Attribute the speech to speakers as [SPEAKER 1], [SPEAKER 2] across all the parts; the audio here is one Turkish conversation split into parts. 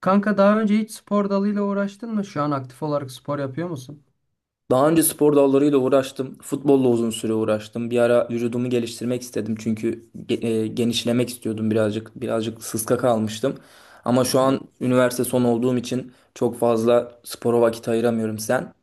[SPEAKER 1] Kanka daha önce hiç spor dalıyla uğraştın mı? Şu an aktif olarak spor yapıyor musun?
[SPEAKER 2] Daha önce spor dallarıyla uğraştım. Futbolla uzun süre uğraştım. Bir ara vücudumu geliştirmek istedim çünkü genişlemek istiyordum birazcık. Birazcık sıska kalmıştım. Ama şu an üniversite son olduğum için çok fazla spora vakit ayıramıyorum sen.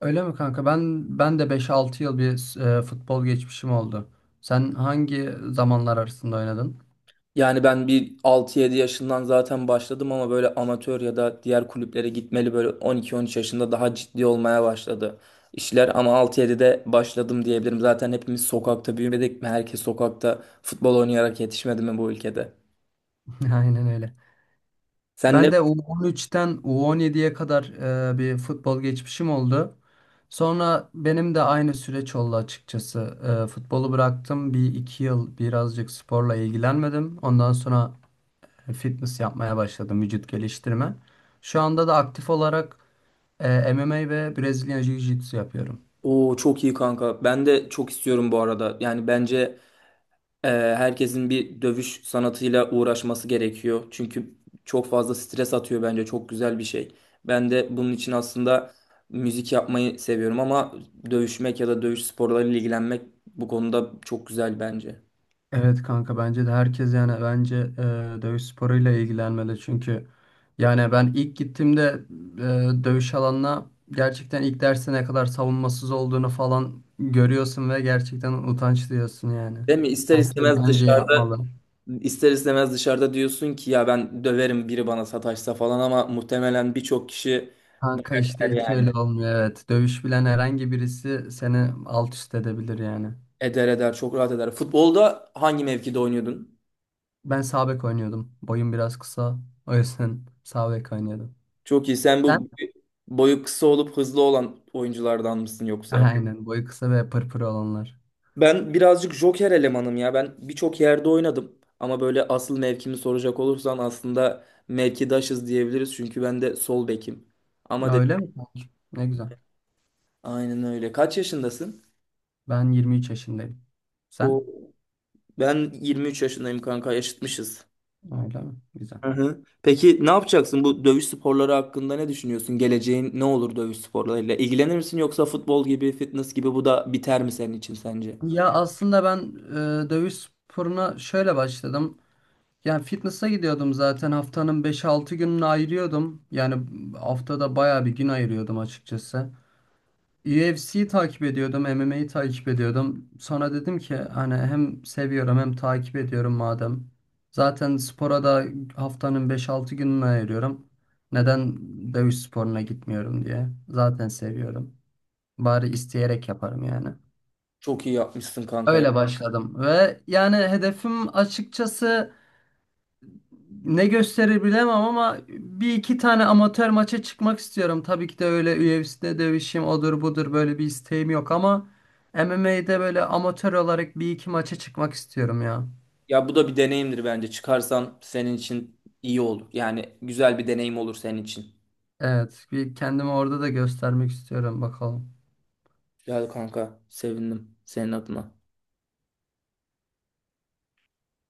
[SPEAKER 1] Öyle mi, kanka? Ben de beş altı yıl bir futbol geçmişim oldu. Sen hangi zamanlar arasında oynadın?
[SPEAKER 2] Yani ben bir 6-7 yaşından zaten başladım ama böyle amatör ya da diğer kulüplere gitmeli böyle 12-13 yaşında daha ciddi olmaya başladı işler ama 6-7'de başladım diyebilirim. Zaten hepimiz sokakta büyümedik mi? Herkes sokakta futbol oynayarak yetişmedi mi bu ülkede?
[SPEAKER 1] Aynen öyle.
[SPEAKER 2] Sen ne?
[SPEAKER 1] Ben de U13'ten U17'ye kadar bir futbol geçmişim oldu. Sonra benim de aynı süreç oldu açıkçası. Futbolu bıraktım. Bir iki yıl birazcık sporla ilgilenmedim. Ondan sonra fitness yapmaya başladım, vücut geliştirme. Şu anda da aktif olarak MMA ve Brezilya Jiu-Jitsu yapıyorum.
[SPEAKER 2] Oo, çok iyi kanka. Ben de çok istiyorum bu arada. Yani bence herkesin bir dövüş sanatıyla uğraşması gerekiyor. Çünkü çok fazla stres atıyor bence. Çok güzel bir şey. Ben de bunun için aslında müzik yapmayı seviyorum ama dövüşmek ya da dövüş sporlarıyla ilgilenmek bu konuda çok güzel bence.
[SPEAKER 1] Evet, kanka, bence de herkes, yani bence dövüş sporuyla ilgilenmeli, çünkü yani ben ilk gittiğimde dövüş alanına gerçekten ilk derste ne kadar savunmasız olduğunu falan görüyorsun ve gerçekten utanç duyuyorsun yani.
[SPEAKER 2] Değil mi? İster
[SPEAKER 1] Herkes
[SPEAKER 2] istemez
[SPEAKER 1] bence
[SPEAKER 2] dışarıda
[SPEAKER 1] yapmalı.
[SPEAKER 2] ister istemez dışarıda diyorsun ki ya ben döverim biri bana sataşsa falan ama muhtemelen birçok kişi
[SPEAKER 1] Kanka,
[SPEAKER 2] döver
[SPEAKER 1] işte hiç
[SPEAKER 2] yani.
[SPEAKER 1] öyle olmuyor, evet. Dövüş bilen herhangi birisi seni alt üst edebilir yani.
[SPEAKER 2] Eder eder, çok rahat eder. Futbolda hangi mevkide oynuyordun?
[SPEAKER 1] Ben sağ bek oynuyordum. Boyum biraz kısa. O yüzden sağ bek oynuyordum.
[SPEAKER 2] Çok iyi. Sen
[SPEAKER 1] Sen?
[SPEAKER 2] bu boyu kısa olup hızlı olan oyunculardan mısın yoksa?
[SPEAKER 1] Aynen, boyu kısa ve pırpır olanlar.
[SPEAKER 2] Ben birazcık joker elemanım ya. Ben birçok yerde oynadım. Ama böyle asıl mevkimi soracak olursan aslında mevkidaşız diyebiliriz. Çünkü ben de sol bekim. Ama
[SPEAKER 1] Aa,
[SPEAKER 2] dedi
[SPEAKER 1] öyle mi? Ne güzel.
[SPEAKER 2] aynen öyle. Kaç yaşındasın?
[SPEAKER 1] Ben 23 yaşındayım. Sen?
[SPEAKER 2] O, ben 23 yaşındayım kanka, yaşıtmışız.
[SPEAKER 1] Öyle mi? Güzel.
[SPEAKER 2] Hı hı. Peki ne yapacaksın? Bu dövüş sporları hakkında ne düşünüyorsun? Geleceğin ne olur dövüş sporlarıyla? İlgilenir misin yoksa futbol gibi, fitness gibi bu da biter mi senin için sence?
[SPEAKER 1] Ya aslında ben dövüş sporuna şöyle başladım. Yani fitness'a gidiyordum, zaten haftanın beş altı gününü ayırıyordum. Yani haftada bayağı bir gün ayırıyordum açıkçası. UFC'yi takip ediyordum, MMA'yi takip ediyordum. Sonra dedim ki, hani hem seviyorum hem takip ediyorum madem. Zaten spora da haftanın 5-6 gününü ayırıyorum. Neden dövüş sporuna gitmiyorum diye. Zaten seviyorum. Bari isteyerek yaparım yani.
[SPEAKER 2] Çok iyi yapmışsın kanka ya.
[SPEAKER 1] Öyle başladım ve yani hedefim açıkçası, ne gösterir bilemem, ama bir iki tane amatör maça çıkmak istiyorum. Tabii ki de öyle UFC'de dövüşeyim odur budur böyle bir isteğim yok, ama MMA'de böyle amatör olarak bir iki maça çıkmak istiyorum ya.
[SPEAKER 2] Ya bu da bir deneyimdir bence. Çıkarsan senin için iyi olur. Yani güzel bir deneyim olur senin için.
[SPEAKER 1] Evet, bir kendimi orada da göstermek istiyorum, bakalım.
[SPEAKER 2] Güzel kanka. Sevindim senin adına.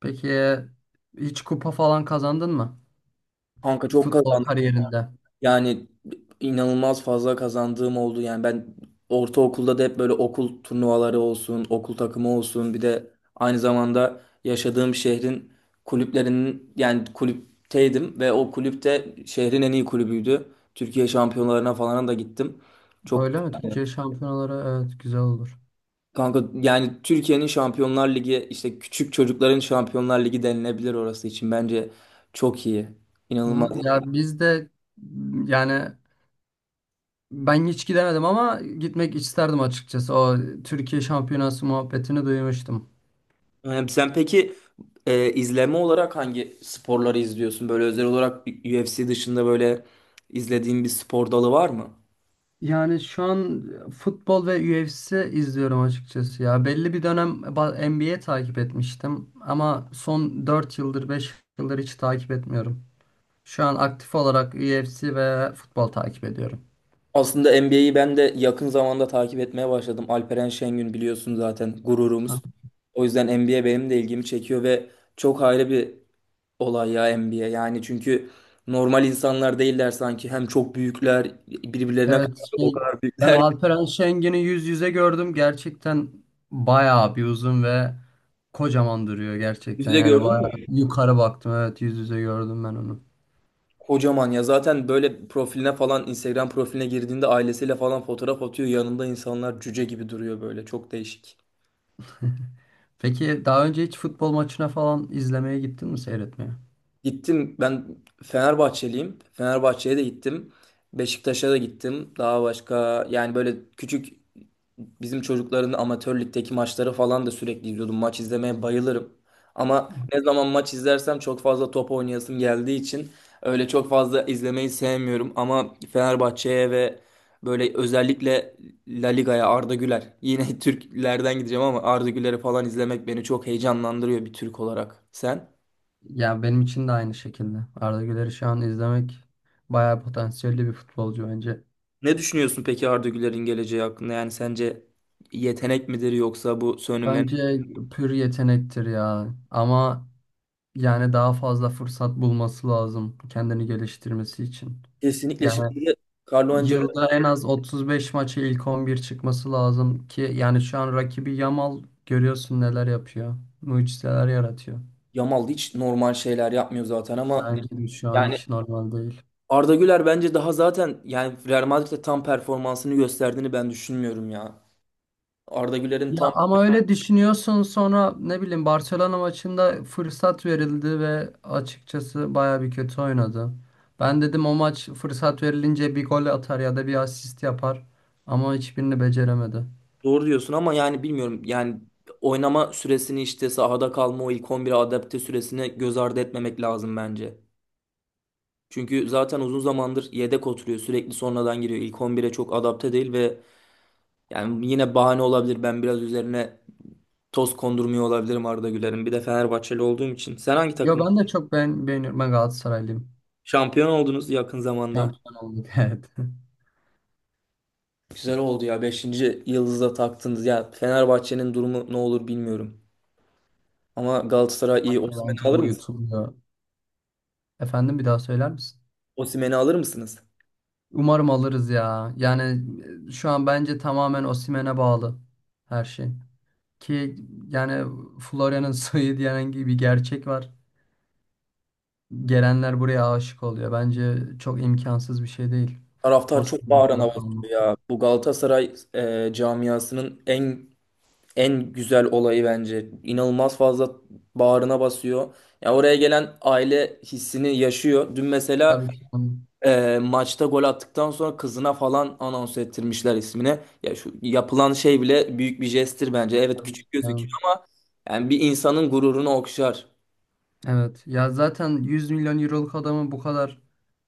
[SPEAKER 1] Peki hiç kupa falan kazandın mı?
[SPEAKER 2] Kanka, çok
[SPEAKER 1] Futbol
[SPEAKER 2] kazandım.
[SPEAKER 1] kariyerinde?
[SPEAKER 2] Yani inanılmaz fazla kazandığım oldu. Yani ben ortaokulda da hep böyle okul turnuvaları olsun, okul takımı olsun. Bir de aynı zamanda yaşadığım şehrin kulüplerinin, yani kulüpteydim ve o kulüpte şehrin en iyi kulübüydü. Türkiye şampiyonlarına falan da gittim. Çok
[SPEAKER 1] Öyle mi? Türkiye şampiyonaları, evet, güzel olur.
[SPEAKER 2] kanka, yani Türkiye'nin Şampiyonlar Ligi, işte küçük çocukların Şampiyonlar Ligi denilebilir orası için, bence çok iyi. İnanılmaz.
[SPEAKER 1] Hı, ya biz de, yani ben hiç gidemedim ama gitmek isterdim açıkçası. O Türkiye şampiyonası muhabbetini duymuştum.
[SPEAKER 2] Sen peki izleme olarak hangi sporları izliyorsun? Böyle özel olarak UFC dışında böyle izlediğin bir spor dalı var mı?
[SPEAKER 1] Yani şu an futbol ve UFC izliyorum açıkçası ya. Belli bir dönem NBA takip etmiştim ama son 4 yıldır 5 yıldır hiç takip etmiyorum. Şu an aktif olarak UFC ve futbol takip ediyorum.
[SPEAKER 2] Aslında NBA'yi ben de yakın zamanda takip etmeye başladım. Alperen Şengün biliyorsun zaten
[SPEAKER 1] Ha.
[SPEAKER 2] gururumuz. O yüzden NBA benim de ilgimi çekiyor ve çok ayrı bir olay ya NBA. Yani çünkü normal insanlar değiller sanki. Hem çok büyükler, birbirlerine karşı
[SPEAKER 1] Evet,
[SPEAKER 2] o
[SPEAKER 1] şey,
[SPEAKER 2] kadar
[SPEAKER 1] ben
[SPEAKER 2] büyükler.
[SPEAKER 1] Alperen Şengen'i yüz yüze gördüm. Gerçekten bayağı bir uzun ve kocaman duruyor gerçekten.
[SPEAKER 2] Yüzde
[SPEAKER 1] Yani
[SPEAKER 2] gördün mü?
[SPEAKER 1] bayağı yukarı baktım. Evet, yüz yüze gördüm ben onu.
[SPEAKER 2] Kocaman ya, zaten böyle profiline falan, Instagram profiline girdiğinde ailesiyle falan fotoğraf atıyor. Yanında insanlar cüce gibi duruyor böyle. Çok değişik.
[SPEAKER 1] Peki daha önce hiç futbol maçına falan izlemeye gittin mi, seyretmeye?
[SPEAKER 2] Gittim, ben Fenerbahçeliyim. Fenerbahçe'ye de gittim. Beşiktaş'a da gittim. Daha başka, yani böyle bizim çocukların amatör ligdeki maçları falan da sürekli izliyordum. Maç izlemeye bayılırım. Ama ne zaman maç izlersem çok fazla top oynayasım geldiği için öyle çok fazla izlemeyi sevmiyorum. Ama Fenerbahçe'ye ve böyle özellikle La Liga'ya. Arda Güler, yine Türklerden gideceğim ama Arda Güler'i falan izlemek beni çok heyecanlandırıyor bir Türk olarak. Sen
[SPEAKER 1] Ya benim için de aynı şekilde. Arda Güler'i şu an izlemek, bayağı potansiyelli bir futbolcu bence.
[SPEAKER 2] ne düşünüyorsun peki Arda Güler'in geleceği hakkında? Yani sence yetenek midir yoksa bu sönümlenen?
[SPEAKER 1] Bence pür yetenektir ya. Ama yani daha fazla fırsat bulması lazım kendini geliştirmesi için.
[SPEAKER 2] Kesinlikle
[SPEAKER 1] Yani
[SPEAKER 2] şimdi de Carlo
[SPEAKER 1] yılda en az 35 maça ilk 11 çıkması lazım ki, yani şu an rakibi Yamal, görüyorsun neler yapıyor. Mucizeler yaratıyor.
[SPEAKER 2] Yamal hiç normal şeyler yapmıyor zaten ama
[SPEAKER 1] Bence de şu an
[SPEAKER 2] yani
[SPEAKER 1] hiç normal değil.
[SPEAKER 2] Arda Güler bence daha, zaten yani Real Madrid'de tam performansını gösterdiğini ben düşünmüyorum ya. Arda Güler'in
[SPEAKER 1] Ya
[SPEAKER 2] tam,
[SPEAKER 1] ama öyle düşünüyorsun, sonra ne bileyim Barcelona maçında fırsat verildi ve açıkçası baya bir kötü oynadı. Ben dedim o maç fırsat verilince bir gol atar ya da bir asist yapar, ama hiçbirini beceremedi.
[SPEAKER 2] doğru diyorsun ama yani bilmiyorum, yani oynama süresini, işte sahada kalma o ilk 11'e adapte süresini göz ardı etmemek lazım bence. Çünkü zaten uzun zamandır yedek oturuyor, sürekli sonradan giriyor, ilk 11'e çok adapte değil ve yani yine bahane olabilir, ben biraz üzerine toz kondurmuyor olabilirim Arda Güler'in, bir de Fenerbahçeli olduğum için. Sen hangi
[SPEAKER 1] Yo,
[SPEAKER 2] takım?
[SPEAKER 1] ben de çok beğeniyorum. Ben Galatasaraylıyım.
[SPEAKER 2] Şampiyon oldunuz yakın zamanda.
[SPEAKER 1] Şampiyon olduk evet.
[SPEAKER 2] Güzel oldu ya. Beşinci yıldızı da taktınız. Ya Fenerbahçe'nin durumu ne olur bilmiyorum. Ama Galatasaray iyi.
[SPEAKER 1] Hatta bence
[SPEAKER 2] Osimhen'i alır mısınız?
[SPEAKER 1] uyutuluyor. Efendim, bir daha söyler misin?
[SPEAKER 2] Osimhen'i alır mısınız?
[SPEAKER 1] Umarım alırız ya. Yani şu an bence tamamen Osimhen'e bağlı her şey. Ki yani Florya'nın soyu diyen gibi bir gerçek var. Gelenler buraya aşık oluyor. Bence çok imkansız bir şey değil.
[SPEAKER 2] Taraftar çok
[SPEAKER 1] Osman'ın
[SPEAKER 2] bağrına
[SPEAKER 1] burada kalması.
[SPEAKER 2] basıyor ya. Bu Galatasaray camiasının en güzel olayı bence. İnanılmaz fazla bağrına basıyor. Ya, oraya gelen aile hissini yaşıyor. Dün mesela
[SPEAKER 1] Tabii ki, canım.
[SPEAKER 2] maçta gol attıktan sonra kızına falan anons ettirmişler ismini. Ya şu yapılan şey bile büyük bir jesttir bence. Evet,
[SPEAKER 1] Tabii ki,
[SPEAKER 2] küçük gözüküyor
[SPEAKER 1] canım.
[SPEAKER 2] ama yani bir insanın gururunu okşar.
[SPEAKER 1] Evet. Ya zaten 100 milyon euroluk adamın bu kadar,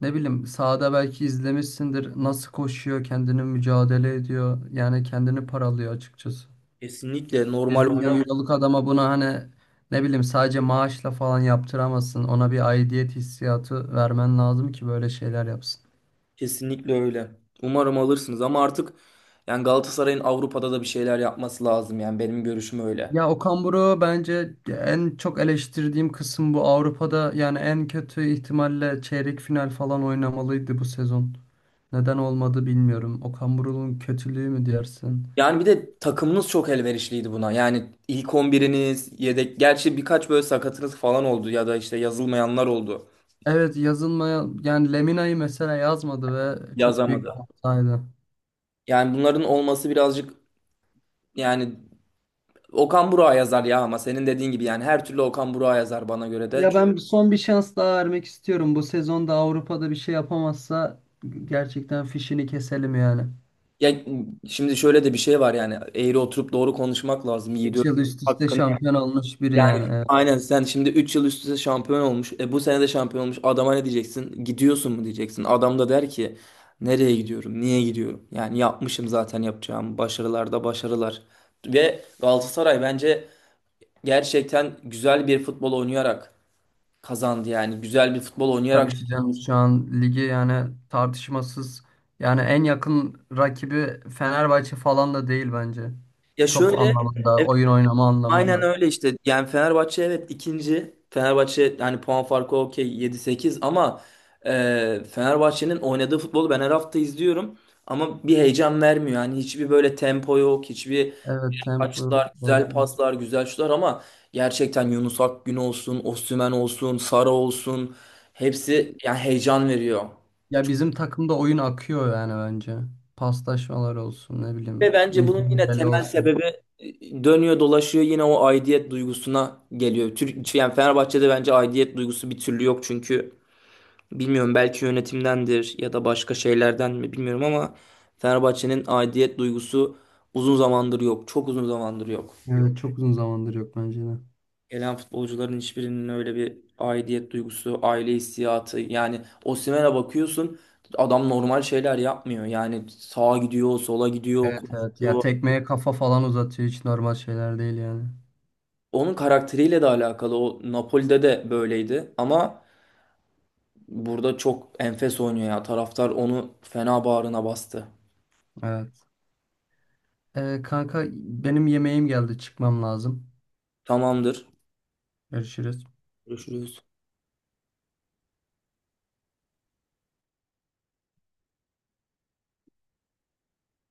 [SPEAKER 1] ne bileyim, sahada belki izlemişsindir. Nasıl koşuyor, kendini mücadele ediyor. Yani kendini paralıyor açıkçası.
[SPEAKER 2] Kesinlikle normal
[SPEAKER 1] 100 milyon
[SPEAKER 2] oynamıyor.
[SPEAKER 1] euroluk adama bunu, hani ne bileyim, sadece maaşla falan yaptıramazsın. Ona bir aidiyet hissiyatı vermen lazım ki böyle şeyler yapsın.
[SPEAKER 2] Kesinlikle öyle. Umarım alırsınız ama artık yani Galatasaray'ın Avrupa'da da bir şeyler yapması lazım, yani benim görüşüm öyle.
[SPEAKER 1] Ya, Okan Buruk'u bence en çok eleştirdiğim kısım bu. Avrupa'da yani en kötü ihtimalle çeyrek final falan oynamalıydı bu sezon. Neden olmadı bilmiyorum. Okan Buruk'un kötülüğü mü dersin?
[SPEAKER 2] Yani bir de takımınız çok elverişliydi buna. Yani ilk on biriniz, yedek, gerçi birkaç böyle sakatınız falan oldu ya da işte yazılmayanlar oldu.
[SPEAKER 1] Evet, yazılmaya, yani Lemina'yı mesela yazmadı ve çok büyük
[SPEAKER 2] Yazamadı.
[SPEAKER 1] bir hataydı.
[SPEAKER 2] Yani bunların olması birazcık, yani Okan Burak'a yazar ya ama senin dediğin gibi yani her türlü Okan Burak'a yazar bana göre de.
[SPEAKER 1] Ya
[SPEAKER 2] Çünkü-
[SPEAKER 1] ben son bir şans daha vermek istiyorum. Bu sezonda Avrupa'da bir şey yapamazsa gerçekten fişini keselim yani.
[SPEAKER 2] Ya şimdi şöyle de bir şey var, yani eğri oturup doğru konuşmak lazım Yiğit
[SPEAKER 1] 3 yıl
[SPEAKER 2] Öztürk
[SPEAKER 1] üst üste
[SPEAKER 2] hakkında.
[SPEAKER 1] şampiyon olmuş biri
[SPEAKER 2] Yani
[SPEAKER 1] yani.
[SPEAKER 2] aynen, sen şimdi 3 yıl üst üste şampiyon olmuş. Bu sene de şampiyon olmuş. Adama ne diyeceksin? Gidiyorsun mu diyeceksin. Adam da der ki nereye gidiyorum? Niye gidiyorum? Yani yapmışım, zaten yapacağım. Başarılarda başarılar. Ve Galatasaray bence gerçekten güzel bir futbol oynayarak kazandı yani. Güzel bir futbol oynayarak.
[SPEAKER 1] Tabii ki canım, şu an ligi yani tartışmasız, yani en yakın rakibi Fenerbahçe falan da değil bence.
[SPEAKER 2] Ya
[SPEAKER 1] Top
[SPEAKER 2] şöyle,
[SPEAKER 1] anlamında,
[SPEAKER 2] evet,
[SPEAKER 1] oyun oynama
[SPEAKER 2] aynen
[SPEAKER 1] anlamında.
[SPEAKER 2] öyle işte. Yani Fenerbahçe evet ikinci. Fenerbahçe hani puan farkı okey 7-8 ama Fenerbahçe'nin oynadığı futbolu ben her hafta izliyorum. Ama bir heyecan vermiyor. Yani hiçbir böyle tempo yok, hiçbir,
[SPEAKER 1] Evet, tempo.
[SPEAKER 2] açıklar,
[SPEAKER 1] Doğru
[SPEAKER 2] güzel
[SPEAKER 1] diyorsun.
[SPEAKER 2] paslar, güzel şutlar ama gerçekten Yunus Akgün olsun, Osimhen olsun, Sara olsun, hepsi yani heyecan veriyor.
[SPEAKER 1] Ya bizim takımda oyun akıyor yani bence. Paslaşmalar olsun, ne
[SPEAKER 2] Ve
[SPEAKER 1] bileyim,
[SPEAKER 2] bence bunun yine
[SPEAKER 1] mücadele
[SPEAKER 2] temel
[SPEAKER 1] olsun.
[SPEAKER 2] sebebi, dönüyor dolaşıyor yine o aidiyet duygusuna geliyor. Yani Fenerbahçe'de bence aidiyet duygusu bir türlü yok çünkü bilmiyorum, belki yönetimdendir ya da başka şeylerden mi bilmiyorum ama Fenerbahçe'nin aidiyet duygusu uzun zamandır yok. Çok uzun zamandır yok.
[SPEAKER 1] Evet, çok uzun zamandır yok bence de.
[SPEAKER 2] Gelen futbolcuların hiçbirinin öyle bir aidiyet duygusu, aile hissiyatı, yani Osimhen'e bakıyorsun adam normal şeyler yapmıyor. Yani sağa gidiyor, sola gidiyor,
[SPEAKER 1] Evet, evet, ya
[SPEAKER 2] koşuyor.
[SPEAKER 1] tekmeye kafa falan uzatıyor, hiç normal şeyler değil yani.
[SPEAKER 2] Onun karakteriyle de alakalı. O Napoli'de de böyleydi ama burada çok enfes oynuyor ya. Taraftar onu fena bağrına bastı.
[SPEAKER 1] Evet. Kanka, benim yemeğim geldi, çıkmam lazım.
[SPEAKER 2] Tamamdır.
[SPEAKER 1] Görüşürüz.
[SPEAKER 2] Görüşürüz.